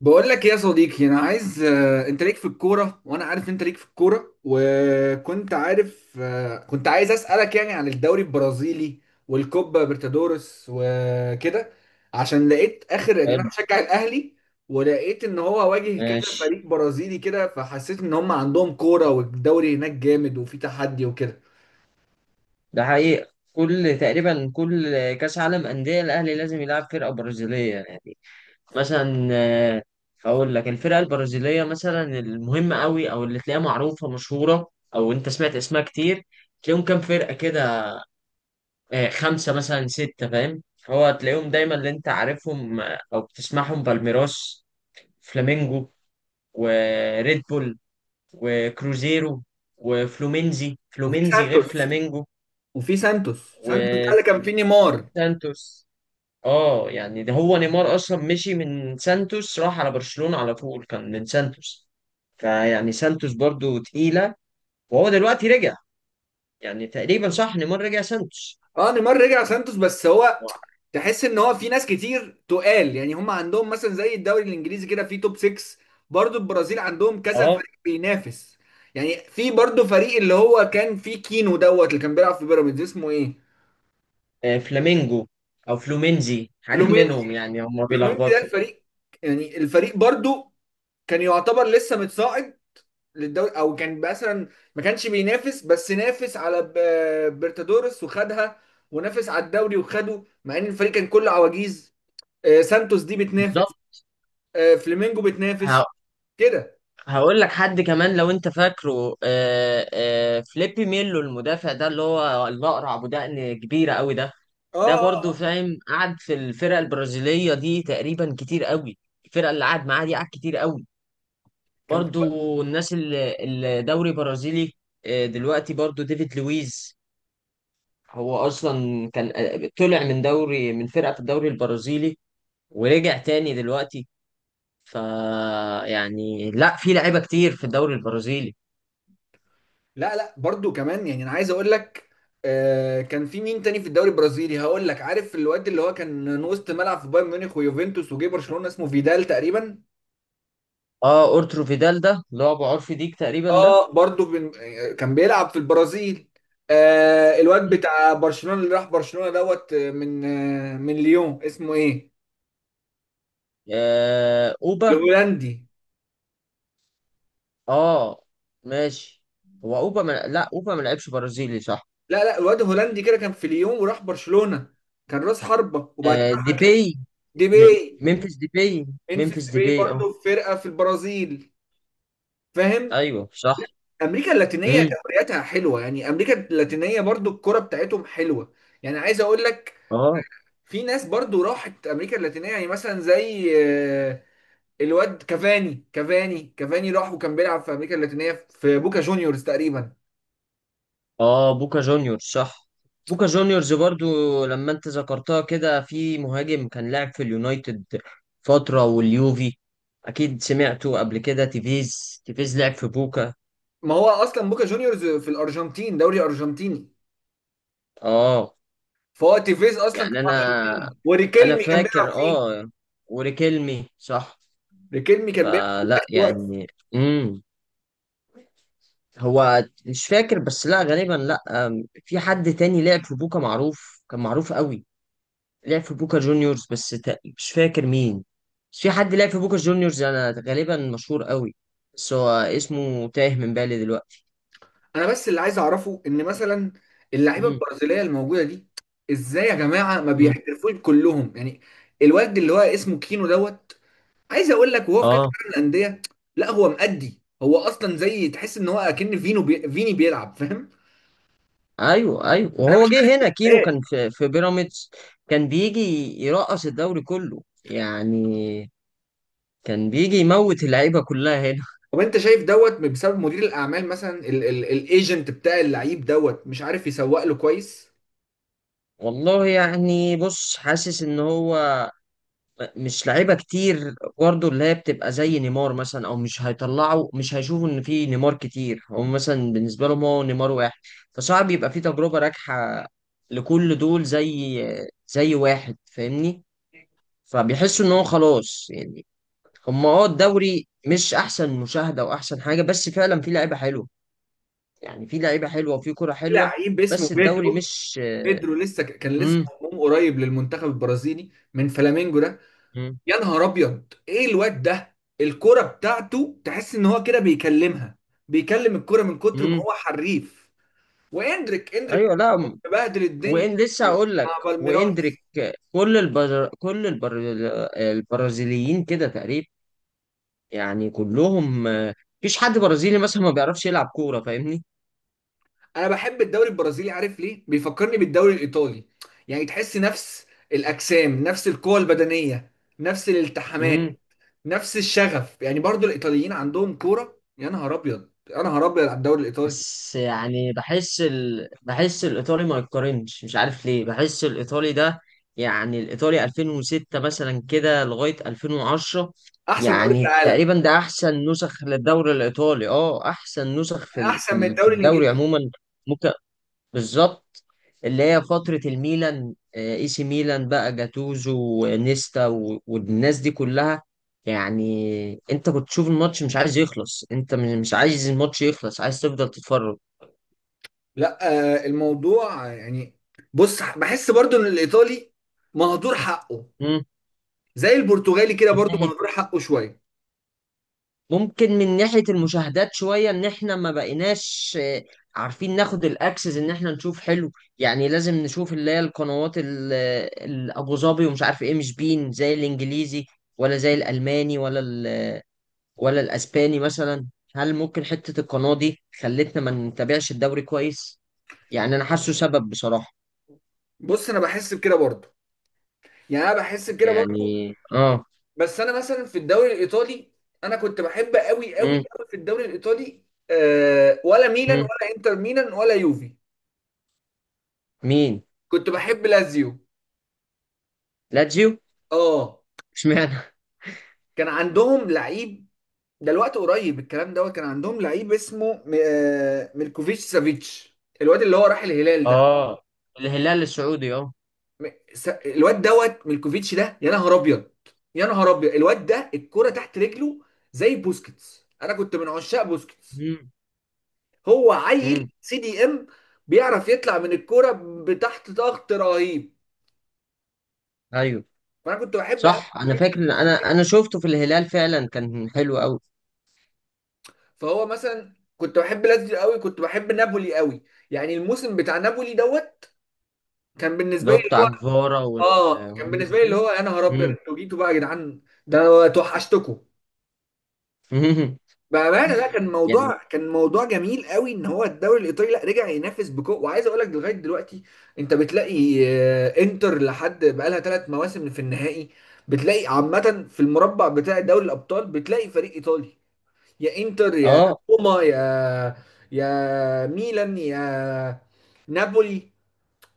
بقول لك إيه يا صديقي، انا عايز انت ليك في الكوره وانا عارف انت ليك في الكوره، وكنت عارف. كنت عايز اسالك يعني عن الدوري البرازيلي والكوبا برتادورس وكده، عشان لقيت اخر. يعني انا حلو. بشجع الاهلي ولقيت ان هو واجه كذا ماشي. فريق برازيلي كده، فحسيت ان هم عندهم كوره والدوري هناك جامد وفي تحدي وكده. ده حقيقة تقريبا كل كأس عالم أندية الأهلي لازم يلعب فرقة برازيلية يعني. مثلا هقول لك الفرقة البرازيلية مثلا المهمة قوي، أو اللي تلاقيها معروفة مشهورة، أو أنت سمعت اسمها كتير. تلاقيهم كام فرقة كده؟ خمسة مثلا ستة، فاهم؟ هو تلاقيهم دايما اللي أنت عارفهم، أو بتسمعهم: بالميراس، فلامينجو، وريد بول، وكروزيرو، وفلومينزي. وفي فلومينزي غير سانتوس. فلامينجو. وفي سانتوس ده و- اللي كان فيه وفي نيمار. سانتوس. اه يعني ده هو نيمار اصلا مشي من سانتوس، راح على برشلونة على طول، كان من سانتوس. فيعني سانتوس برضو تقيلة. وهو دلوقتي رجع. يعني تقريبا صح، نيمار رجع سانتوس. اه نيمار رجع سانتوس، بس هو تحس ان هو في ناس كتير تقال، يعني هم عندهم مثلا زي الدوري الانجليزي كده في توب 6، برضو البرازيل عندهم كذا اه، فريق بينافس. يعني في برضو فريق اللي هو كان فيه كينو اللي كان بيلعب في بيراميدز، اسمه ايه؟ فلامينجو او فلومينزي، حاجة منهم فلومينسي يعني، هم فلومينسي ده بيلخبطوا. الفريق. يعني الفريق برضو كان يعتبر لسه متصاعد للدوري، او كان مثلا ما كانش بينافس، بس نافس على بيرتادورس وخدها، ونافس على الدوري وخده، مع ان الفريق كان كله عواجيز. سانتوس دي بتنافس. بالظبط. فلامينجو بتنافس ه- كده. هقول لك حد كمان، لو انت فاكره، فليبي ميلو المدافع، ده اللي هو الاقرع ابو دقن كبيرة قوي ده. اه ده اه. برضو آه. فاهم قعد في الفرقة البرازيلية دي تقريبا كتير قوي. الفرقة اللي قعد معاها دي قعد كتير قوي. كان في برضو الناس اللي الدوري برازيلي، دلوقتي برضو ديفيد لويز، هو أصلا كان، طلع من دوري، من فرقة في الدوري البرازيلي، ورجع تاني دلوقتي. ف يعني لا في لعيبة كتير في الدوري البرازيلي. لا لا، برضو كمان يعني انا عايز اقول لك كان في مين تاني في الدوري البرازيلي؟ هقول لك، عارف الواد اللي هو كان وسط ملعب في بايرن ميونخ ويوفنتوس وجه برشلونة اسمه فيدال تقريبا. اه، اورترو فيدال ده اللي هو ابو عرفي ديك تقريبا ده. اه برضو بن... آه، كان بيلعب في البرازيل. آه الواد بتاع برشلونة اللي راح برشلونة دوت آه، من من ليون اسمه ايه؟ اوبا. الهولندي. اه ماشي. هو اوبا ما... لا، اوبا ما لعبش برازيلي، صح؟ لا لا، الواد الهولندي كده كان في ليون وراح برشلونة، كان راس حربة وبعد آه كده راح. ديبي. دي م... باي. ممفيس ديبي. انفس ممفيس دي باي ديبي اه. برضه في فرقه في البرازيل، فاهم. ايوه صح. امريكا اللاتينيه امم. دورياتها حلوه، يعني امريكا اللاتينيه برضه الكره بتاعتهم حلوه. يعني عايز اقول لك اه في ناس برضه راحت امريكا اللاتينيه، يعني مثلا زي الواد كافاني. كافاني راح وكان بيلعب في امريكا اللاتينيه في بوكا جونيورز تقريبا. اه. بوكا جونيور صح. بوكا جونيورز برضو لما انت ذكرتها كده، في مهاجم كان لاعب في اليونايتد فترة واليوفي، اكيد سمعته قبل كده، تيفيز. تيفيز لعب في بوكا. ما هو اصلا بوكا جونيورز في الارجنتين، دوري ارجنتيني. اه فهو تيفيز اصلا يعني كان انا ارجنتيني، انا وريكيلمي كان بيلعب فاكر، فيه. اه. وريكيلمي صح. ريكيلمي كان بيلعب. فلا يعني. امم. هو مش فاكر، بس لا غالبا لا. في حد تاني لعب في بوكا معروف، كان معروف قوي، لعب في بوكا جونيورز بس مش فاكر مين. بس في حد لعب في بوكا جونيورز انا غالبا، مشهور قوي، بس هو اسمه تايه من بالي دلوقتي. انا بس اللي عايز اعرفه ان مثلا اللعيبه امم. البرازيليه الموجوده دي، ازاي يا جماعه ما امم. بيحترفوش كلهم يعني؟ الواد اللي هو اسمه كينو عايز اقول لك وهو في كاس اه. العالم للانديه، لا هو مأدي، هو اصلا زي تحس ان هو اكن فيني بيلعب، فاهم. ايوه ايوه، انا وهو مش جه هنا كينو، عارف. كان في بيراميدز، كان بيجي يرقص الدوري كله يعني، كان بيجي يموت اللعيبه كلها هنا. طب انت شايف بسبب مدير الاعمال مثلا، الايجنت بتاع اللعيب مش عارف يسوق له كويس؟ والله يعني بص، حاسس ان هو مش لعيبه كتير برضه اللي هي بتبقى زي نيمار مثلا، او مش هيطلعوا، مش هيشوفوا ان في نيمار كتير، هم مثلا بالنسبه لهم هو نيمار واحد. فصعب يبقى في تجربه ناجحه لكل دول، زي واحد فاهمني. فبيحسوا ان هو خلاص يعني، هم اه الدوري مش احسن مشاهده واحسن حاجه، بس فعلا في لعيبه حلوه يعني، في لعيبه حلوه وفي كره في حلوه، لعيب اسمه بس الدوري بيدرو. مش. بيدرو لسه كان لسه امم. مضموم قريب للمنتخب البرازيلي من فلامينجو ده. يا نهار ابيض ايه الواد ده! الكرة بتاعته تحس ان هو كده بيكلمها، بيكلم الكرة من كتر ما امم. هو حريف. واندريك. اندريك ايوه لا. بهدل الدنيا وإن لسه هقول لك، مع واندريك. بالميراس. كل البر... كل البر... البرازيليين كده تقريبا، يعني كلهم، مفيش حد برازيلي مثلا ما بيعرفش يلعب كورة فاهمني. انا بحب الدوري البرازيلي، عارف ليه؟ بيفكرني بالدوري الايطالي. يعني تحس نفس الاجسام، نفس القوة البدنية، نفس الالتحامات، امم. نفس الشغف. يعني برضو الايطاليين عندهم كورة، يا نهار ابيض يا نهار ابيض على الدوري الايطالي. بس يعني بحس الإيطالي ما يتقارنش، مش عارف ليه بحس الإيطالي ده. يعني الإيطالي 2006 مثلا كده لغاية 2010 احسن دوري في يعني العالم. تقريبا ده أحسن نسخ للدوري الإيطالي، أه أحسن نسخ احسن من في الدوري الدوري الانجليزي. عموما. بالظبط. اللي هي فترة الميلان، اي سي ميلان، بقى جاتوزو ونيستا والناس دي كلها، يعني انت كنت تشوف الماتش مش عايز يخلص، انت مش عايز الماتش يخلص، عايز تفضل تتفرج. لا الموضوع يعني بص بحس برضو ان الايطالي مهدور حقه. مم. زي البرتغالي كده من برضو ناحية، مهدور حقه شويه. ممكن من ناحية المشاهدات شوية، ان احنا ما بقيناش، عارفين ناخد الاكسس ان احنا نشوف حلو، يعني لازم نشوف اللي هي القنوات الابو ظبي ومش عارف ايه، مش بين زي الانجليزي، ولا زي الالماني، ولا الاسباني مثلا. هل ممكن حتة القناة دي خلتنا ما نتابعش الدوري كويس؟ يعني انا حاسه سبب بصراحة. بص انا بحس بكده برضو، يعني انا بحس بكده برضو. يعني اه. بس انا مثلا في الدوري الايطالي، انا كنت بحب قوي قوي امم. قوي في الدوري الايطالي. آه، ولا ميلان امم. ولا انتر ميلان ولا يوفي. مين؟ كنت بحب لازيو. لاتسيو. اه اشمعنى؟ كان عندهم لعيب، ده الوقت قريب الكلام كان عندهم لعيب اسمه آه ميلكوفيتش سافيتش، الواد اللي هو راح الهلال ده. اه الهلال السعودي اه. الواد ميلكوفيتش ده، يا نهار ابيض يا نهار ابيض الواد ده الكرة تحت رجله. زي بوسكيتس، انا كنت من عشاق بوسكيتس. امم. هو عيل امم. سي دي ام، بيعرف يطلع من الكرة بتحت ضغط رهيب. ايوه فانا كنت بحب أوي. صح، انا فاكر ان انا شفته في الهلال، فعلا كان حلو قوي. فهو مثلا كنت بحب لاتسيو قوي، كنت بحب نابولي قوي. يعني الموسم بتاع نابولي كان اللي بالنسبه هو لي اللي بتاع هو... جفارا اه كان والناس بالنسبه لي اللي دي. هو يا نهار ابيض امم. انتوا جيتوا بقى يا جدعان، ده انا توحشتكم! بامانه لا كان يعني موضوع كان موضوع جميل قوي ان هو الدوري الايطالي لا رجع ينافس بقوه. وعايز اقول لك لغايه دلوقتي انت بتلاقي انتر لحد بقالها 3 مواسم في النهائي، بتلاقي عامه في المربع بتاع دوري الابطال بتلاقي فريق ايطالي، يا انتر يا اه. روما يا ميلان يا نابولي.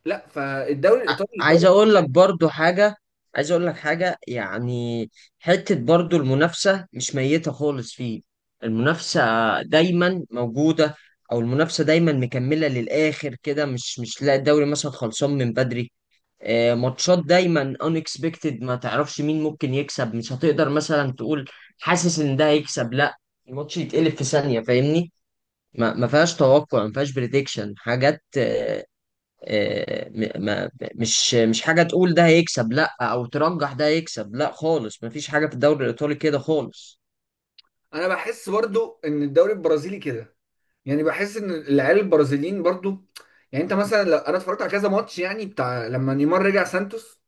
لا فالدوري الايطالي عايز دوري. اقول لك برضو حاجة، عايز اقول لك حاجة يعني. حتة برضو المنافسة مش ميتة خالص، فيه المنافسة دايما موجودة، او المنافسة دايما مكملة للاخر كده، مش لا الدوري مثلا خلصان من بدري. ماتشات دايما unexpected، ما تعرفش مين ممكن يكسب، مش هتقدر مثلا تقول حاسس ان ده هيكسب لا، الماتش يتقلب في ثانية فاهمني. ما فيهاش توقع، ما فيهاش بريدكشن حاجات، آه، آه، م- ما مش مش حاجة تقول ده هيكسب لا، او ترجح ده هيكسب لا خالص، مفيش حاجة في الدوري الايطالي كده خالص. انا بحس برضو ان الدوري البرازيلي كده، يعني بحس ان العيال البرازيليين برضو. يعني انت مثلا لو انا اتفرجت على كذا ماتش يعني بتاع لما نيمار رجع سانتوس،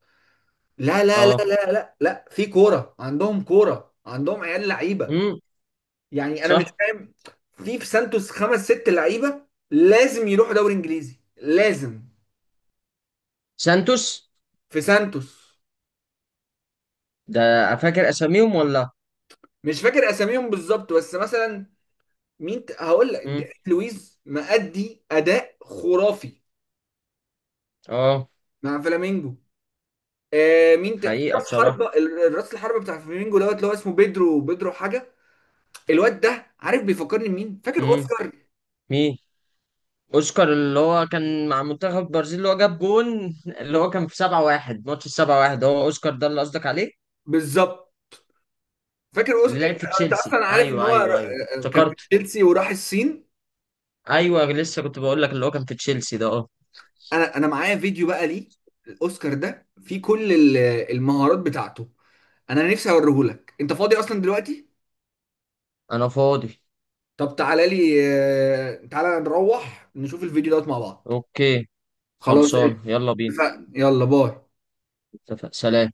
لا لا لا اه. لا لا لا، في كوره عندهم، كوره عندهم عيال لعيبه. امم. يعني انا مش صح. فاهم. في سانتوس خمس ست لعيبه، لازم يروحوا دوري انجليزي لازم. سانتوس في سانتوس. ده، فاكر اساميهم ولا؟ مش فاكر اساميهم بالظبط، بس مثلا هقول لك امم. ديفيد لويز مأدي اداء خرافي اه. مع فلامينجو. آه في حقيقة راس بصراحة. حربة راس الحربة بتاع فلامينجو اللي هو اسمه بيدرو، بيدرو حاجة. الواد ده عارف بيفكرني مين؟ فاكر امم. اوسكار؟ مين؟ اوسكار اللي هو كان مع منتخب البرازيل، اللي هو جاب جون اللي هو كان في 7-1، ماتش ال 7-1، هو اوسكار ده اللي قصدك عليه؟ بالظبط. فاكر اللي اوسكار لعب انت، في أنت تشيلسي اصلا عارف ان ايوه هو ايوه ايوه كان في افتكرت. تشيلسي وراح الصين. ايوه لسه كنت بقول لك اللي هو كان في تشيلسي ده اه. انا معايا فيديو بقى ليه، الاوسكار ده فيه كل المهارات بتاعته. انا نفسي اوريهولك، انت فاضي اصلا دلوقتي؟ انا فاضي. طب تعالى لي تعالى نروح نشوف الفيديو مع بعض. اوكي خلاص خلصان يلا بينا. اتفقنا، يلا باي. اتفق سلام.